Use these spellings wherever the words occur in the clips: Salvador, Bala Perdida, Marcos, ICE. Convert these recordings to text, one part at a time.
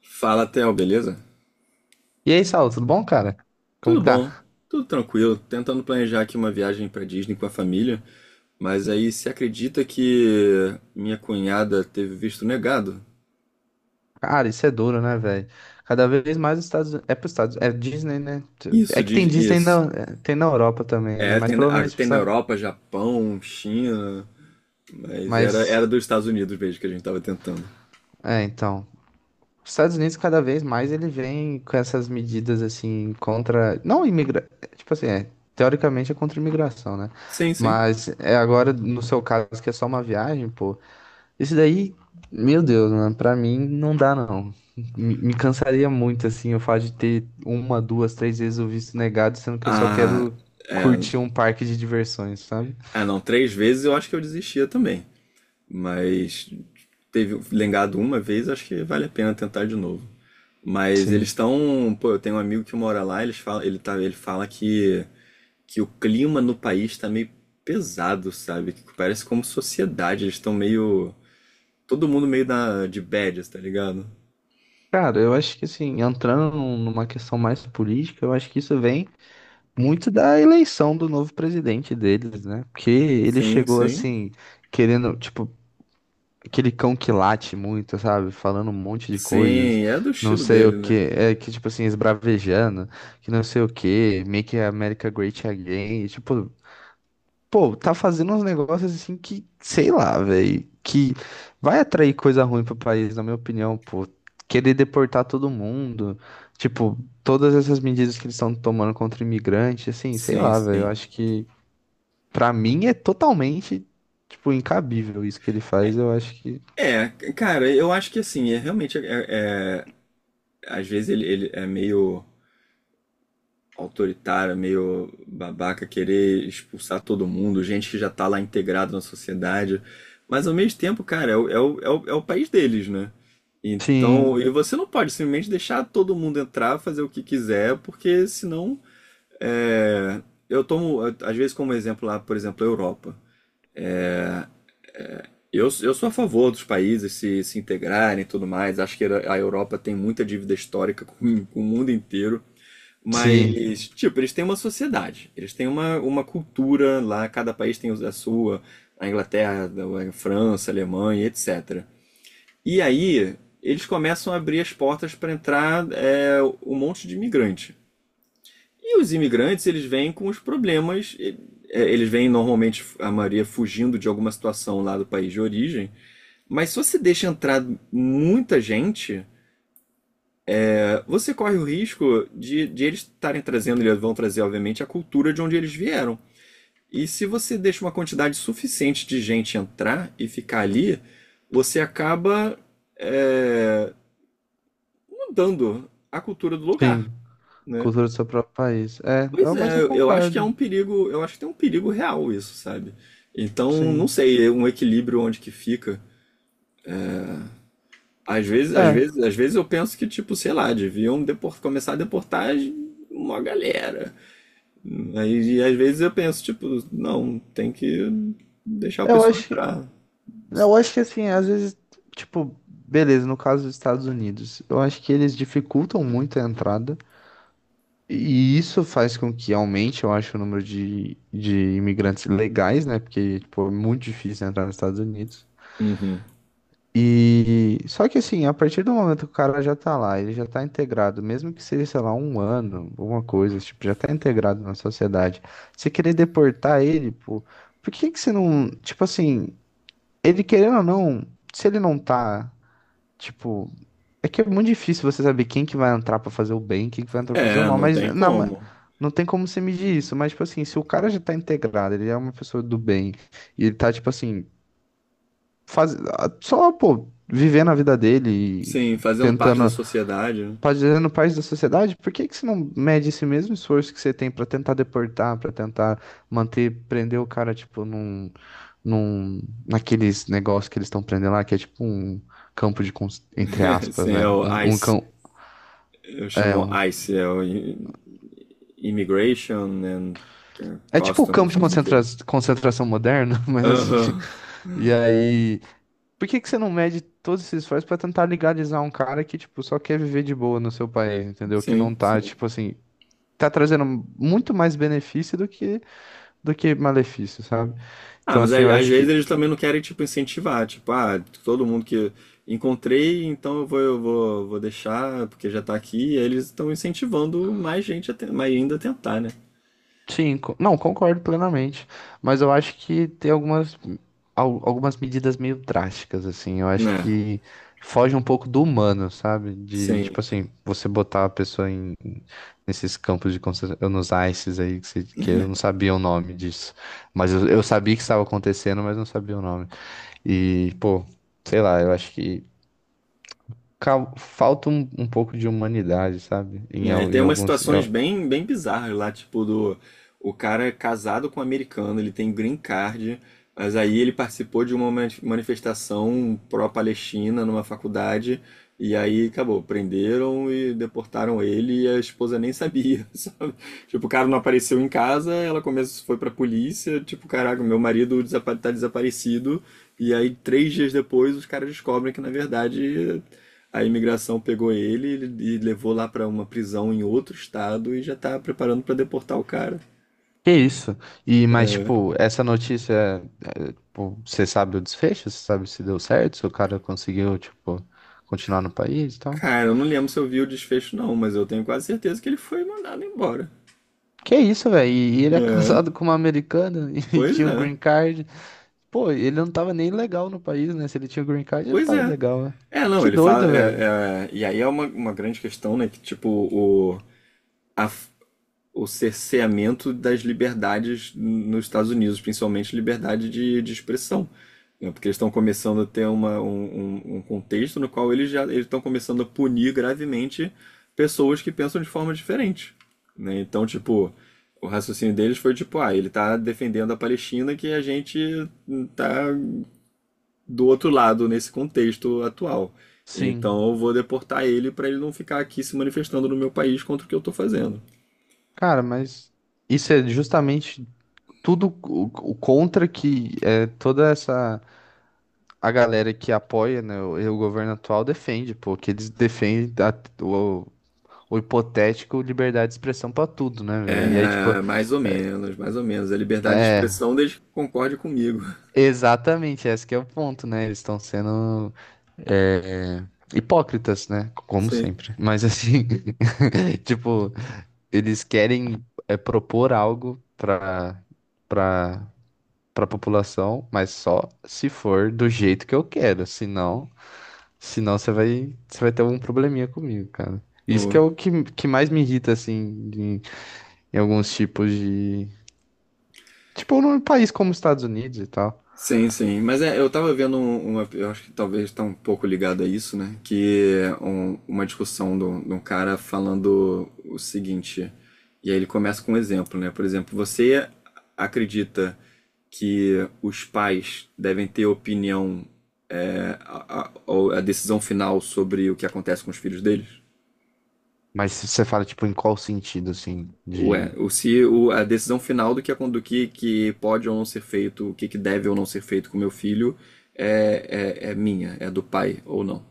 Fala, Theo, beleza? E aí, Saulo, tudo bom, cara? Como Tudo que bom, tá? tudo tranquilo. Tentando planejar aqui uma viagem pra Disney com a família, mas aí você acredita que minha cunhada teve visto negado? Cara, isso é duro, né, velho? Cada vez mais os Estados Unidos. É pros Estados. É Disney, né? Isso É que tem diz Disney na, isso. tem na Europa também, né? É, Mas tem, provavelmente. Tem na Europa, Japão, China, mas era Mas. dos Estados Unidos mesmo que a gente tava tentando. É, então. Os Estados Unidos, cada vez mais, ele vem com essas medidas, assim, contra. Não imigra... Tipo assim, é. Teoricamente é contra a imigração, né? Sim, sim. Mas é agora, no seu caso, que é só uma viagem, pô. Esse daí, meu Deus, mano, pra mim não dá não. Me cansaria muito, assim, o fato de ter uma, duas, três vezes o visto negado, sendo que eu só Ah, quero é, curtir um parque de diversões, sabe? ah, não, três vezes eu acho que eu desistia também. Mas teve lengado uma vez, acho que vale a pena tentar de novo. Mas eles Sim. estão, pô, eu tenho um amigo que mora lá, eles fala ele tá, ele fala que o clima no país tá meio pesado, sabe? Que parece como sociedade, eles estão meio todo mundo meio na de badges, tá ligado? Cara, eu acho que, assim, entrando numa questão mais política, eu acho que isso vem muito da eleição do novo presidente deles, né? Porque ele Sim, chegou, sim. assim, querendo, tipo, aquele cão que late muito, sabe? Falando um monte de coisas, Sim, é do não estilo sei o dele, que, né? é que tipo assim, esbravejando, que não sei o que, Make America Great Again, e, tipo, pô, tá fazendo uns negócios assim que, sei lá, velho, que vai atrair coisa ruim pro país, na minha opinião, pô. Querer deportar todo mundo, tipo, todas essas medidas que eles estão tomando contra imigrante, assim, sei Sim, lá, velho, eu sim. acho que pra mim é totalmente, tipo, incabível isso que ele faz, eu acho que. É, cara, eu acho que assim, é realmente é- às vezes ele é meio autoritária, meio babaca, querer expulsar todo mundo, gente que já tá lá integrada na sociedade. Mas ao mesmo tempo, cara, é o país deles, né? Então, Sim. e você não pode simplesmente deixar todo mundo entrar, fazer o que quiser, porque senão. é, eu tomo, às vezes, como exemplo lá, por exemplo, a Europa. Eu sou a favor dos países se integrarem e tudo mais. Acho que a Europa tem muita dívida histórica com o mundo inteiro. Sim, Mas, tipo, eles têm uma sociedade, eles têm uma cultura lá, cada país tem a sua, a Inglaterra, a França, a Alemanha, etc. E aí, eles começam a abrir as portas para entrar um monte de imigrante. E os imigrantes, eles vêm com os problemas, eles vêm normalmente, a maioria, fugindo de alguma situação lá do país de origem, mas se você deixa entrar muita gente, você corre o risco de eles estarem trazendo, eles vão trazer, obviamente, a cultura de onde eles vieram. E se você deixa uma quantidade suficiente de gente entrar e ficar ali, você acaba é, mudando a cultura do sim. lugar, né? Cultura do seu próprio país. É, Pois mas é, eu eu acho que é concordo, um perigo, eu acho que tem um perigo real isso, sabe? Então, não sim. sei, é um equilíbrio onde que fica. Às vezes, às É, vezes, às vezes eu penso que, tipo, sei lá, deviam começar a deportar uma galera. Aí, e às vezes eu penso, tipo, não, tem que deixar o eu pessoal acho que, entrar. eu acho que assim, às vezes, tipo, beleza, no caso dos Estados Unidos, eu acho que eles dificultam muito a entrada, e isso faz com que aumente, eu acho, o número de imigrantes legais, né? Porque, tipo, é muito difícil entrar nos Estados Unidos. Uhum. E só que assim, a partir do momento que o cara já tá lá, ele já tá integrado, mesmo que seja, sei lá, um ano, alguma coisa, tipo, já tá integrado na sociedade. Você querer deportar ele, pô, por que que você não, tipo assim, ele querendo ou não, se ele não tá, tipo, é que é muito difícil você saber quem que vai entrar pra fazer o bem, quem que vai entrar pra fazer o É, mal, não mas tem como. não tem como você medir isso, mas tipo assim, se o cara já tá integrado, ele é uma pessoa do bem, e ele tá tipo assim, faz, ah, só, pô, vivendo a vida dele Sim, e fazendo parte da tentando, sociedade, né? fazendo parte da sociedade, por que que você não mede esse mesmo esforço que você tem pra tentar deportar, pra tentar manter, prender o cara, tipo, num, num, naqueles negócios que eles estão prendendo lá, que é tipo um campo de, entre aspas, Sim, é né? o Um ICE. cão, Eu é chamo um, ICE, é o Immigration and é tipo o campo Customs, de não sei o quê. concentração moderno, mas assim, Aham. e aí. Por que que você não mede todos esses esforços pra tentar legalizar um cara que, tipo, só quer viver de boa no seu país, entendeu? Que não Sim, tá, tipo assim, tá trazendo muito mais benefício do que malefício, sabe? ah, Então, mas assim, eu às acho vezes que. eles também não querem, tipo, incentivar. Tipo, ah, todo mundo que encontrei, então vou deixar, porque já tá aqui. E aí eles estão incentivando mais gente mais ainda a tentar, né? Sim, não, concordo plenamente, mas eu acho que tem algumas, algumas medidas meio drásticas, assim, eu acho Né? que foge um pouco do humano, sabe? De, Sim. tipo assim, você botar a pessoa em, nesses campos de concentração, nos ICES aí, que, que eu não sabia o nome disso, mas eu sabia que estava acontecendo, mas não sabia o nome, e, pô, sei lá, eu acho que falta um, um pouco de humanidade, sabe? Em, É, e em tem umas alguns... situações bem, bem bizarras lá, tipo do o cara é casado com um americano, ele tem green card, mas aí ele participou de uma manifestação pró-Palestina numa faculdade e aí acabou, prenderam e deportaram ele e a esposa nem sabia, sabe? Tipo, o cara não apareceu em casa, ela começou, foi pra polícia, tipo, caraca, meu marido tá desaparecido. E aí, 3 dias depois, os caras descobrem que, na verdade, a imigração pegou ele e levou lá pra uma prisão em outro estado e já tá preparando pra deportar o cara. Que isso? E, mas, tipo, essa notícia, é, tipo, você sabe o desfecho? Você sabe se deu certo? Se o cara conseguiu, tipo, continuar no país e tal? Cara, eu não lembro se eu vi o desfecho não, mas eu tenho quase certeza que ele foi mandado embora. Que isso, velho? E ele é É, casado com uma americana e pois tinha o é, green card. Pô, ele não tava nem legal no país, né? Se ele tinha o green card, ele pois tava é. legal, né? É, não, Que ele fala. doido, velho. E aí é uma grande questão, né? Que tipo, a o cerceamento das liberdades nos Estados Unidos, principalmente liberdade de expressão, né? Porque eles estão começando a ter um contexto no qual eles estão começando a punir gravemente pessoas que pensam de forma diferente, né? Então, tipo, o raciocínio deles foi tipo, ah, ele tá defendendo a Palestina que a gente tá do outro lado nesse contexto atual. Sim. Então eu vou deportar ele para ele não ficar aqui se manifestando no meu país contra o que eu tô fazendo. Cara, mas isso é justamente tudo o contra que é toda essa. A galera que apoia, né, o governo atual defende, pô, que eles defendem o hipotético liberdade de expressão pra tudo, né, velho? E aí, tipo, É, mais ou menos, mais ou menos. A liberdade de é, expressão desde que concorde comigo. exatamente, esse que é o ponto, né? Eles estão sendo hipócritas, né? Como Sim. sempre. Mas assim, tipo, eles querem é, propor algo pra, pra população, mas só se for do jeito que eu quero, senão. Senão você vai ter algum probleminha comigo, cara. Isso que é O- o que, que mais me irrita, assim, em, em alguns tipos de. Tipo, num país como os Estados Unidos e tal. Sim, sim. Mas é, eu tava vendo uma. Eu acho que talvez tá um pouco ligado a isso, né? Que é uma discussão de um cara falando o seguinte. E aí ele começa com um exemplo, né? Por exemplo, você acredita que os pais devem ter opinião, a decisão final sobre o que acontece com os filhos deles? Mas se você fala, tipo, em qual sentido, assim, Ué, de. o, se o, a decisão final do que pode ou não ser feito, o que, que deve ou não ser feito com meu filho, é minha, é do pai ou não.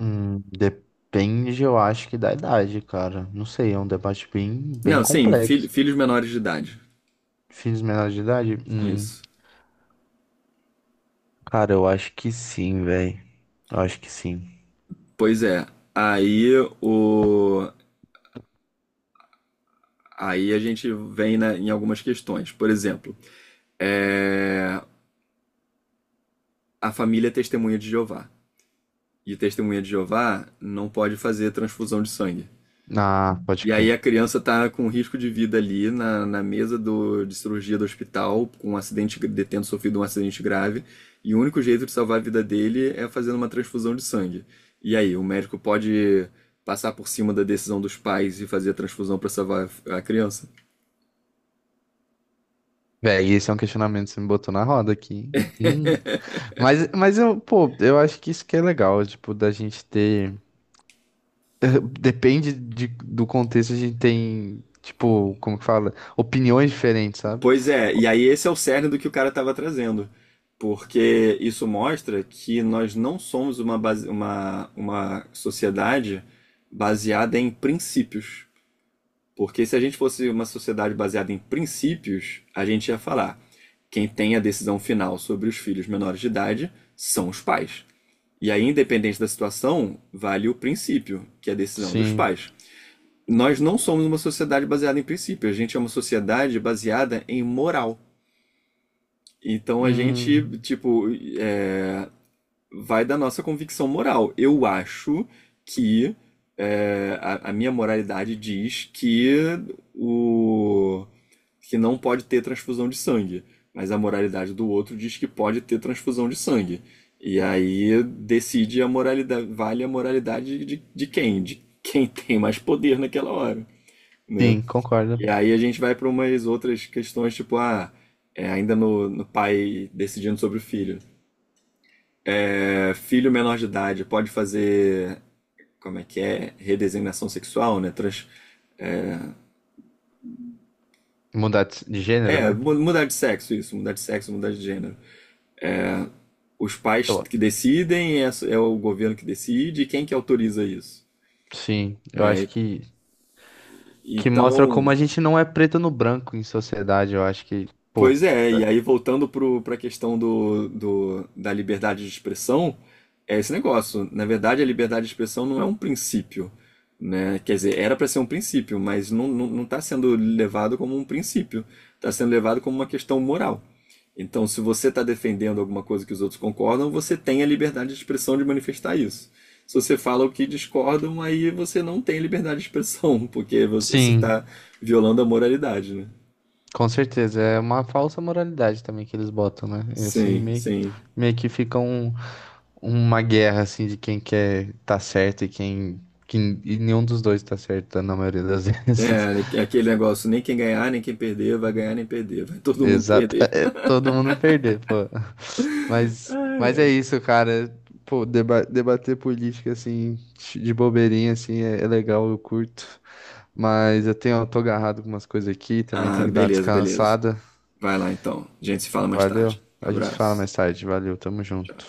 Depende, eu acho que da idade, cara. Não sei, é um debate bem, bem Não, sim, fil- complexo. filhos menores de idade. Filhos menores de idade? Isso. Cara, eu acho que sim, velho. Eu acho que sim. Pois é. Aí o. Aí a gente vem em algumas questões. Por exemplo, é, a família é testemunha de Jeová. E testemunha de Jeová não pode fazer transfusão de sangue. Ah, pode E aí crer. a criança tá com risco de vida ali na mesa de cirurgia do hospital, com um acidente, tendo sofrido um acidente grave, e o único jeito de salvar a vida dele é fazendo uma transfusão de sangue. E aí, o médico pode passar por cima da decisão dos pais e fazer a transfusão para salvar a criança? Véi, esse é um questionamento que você me botou na roda aqui, hein? Mas eu, pô, eu acho que isso que é legal, tipo, da gente ter. Depende de, do contexto, a gente tem, tipo, como que fala? Opiniões diferentes, sabe? Pois é, e aí esse é o cerne do que o cara estava trazendo. Porque isso mostra que nós não somos uma sociedade baseada em princípios. Porque se a gente fosse uma sociedade baseada em princípios, a gente ia falar: quem tem a decisão final sobre os filhos menores de idade são os pais. E aí, independente da situação, vale o princípio, que é a decisão dos Sim. pais. Nós não somos uma sociedade baseada em princípios, a gente é uma sociedade baseada em moral. Então a gente, Hum, tipo, é, vai da nossa convicção moral. Eu acho que a minha moralidade diz que o que não pode ter transfusão de sangue, mas a moralidade do outro diz que pode ter transfusão de sangue. E aí decide a moralidade, vale a moralidade de quem? De quem tem mais poder naquela hora, né? sim, concordo. E aí a gente vai para umas outras questões, tipo, ah, ainda no pai decidindo sobre o filho. É, filho menor de idade pode fazer. Como é que é? Redesignação sexual, né? Trans... Mudar de gênero, É, né? mudar de sexo, isso, mudar de sexo, mudar de gênero. Os pais Eu, que decidem, é o governo que decide, e quem que autoriza isso, sim, eu né? acho que, mostra como a Então, gente não é preto no branco em sociedade, eu acho que, pô. pois é, e aí voltando para a questão da liberdade de expressão, é esse negócio. Na verdade, a liberdade de expressão não é um princípio, né? Quer dizer, era para ser um princípio, mas não, não, não está sendo levado como um princípio, está sendo levado como uma questão moral. Então, se você está defendendo alguma coisa que os outros concordam, você tem a liberdade de expressão de manifestar isso. Se você fala o que discordam, aí você não tem liberdade de expressão, porque você está Sim, violando a moralidade, né? com certeza. É uma falsa moralidade também que eles botam, né? E assim, Sim, meio, que- sim. meio que ficam. Uma guerra assim de quem quer tá certo e quem e nenhum dos dois tá certo na maioria das vezes. É, é aquele negócio, nem quem ganhar, nem quem perder, vai ganhar nem perder, vai todo mundo Exato, perder. é, todo mundo perder, pô. Mas Ai, mas é ai. isso, cara. Pô, debater política assim de bobeirinha assim é, é legal, eu curto. Mas eu tô agarrado com umas coisas aqui, também Ah, tenho que dar uma beleza, beleza. descansada. Vai lá então. A gente se fala mais Valeu. tarde. A gente fala mais Abraço. tarde. Valeu, tamo junto.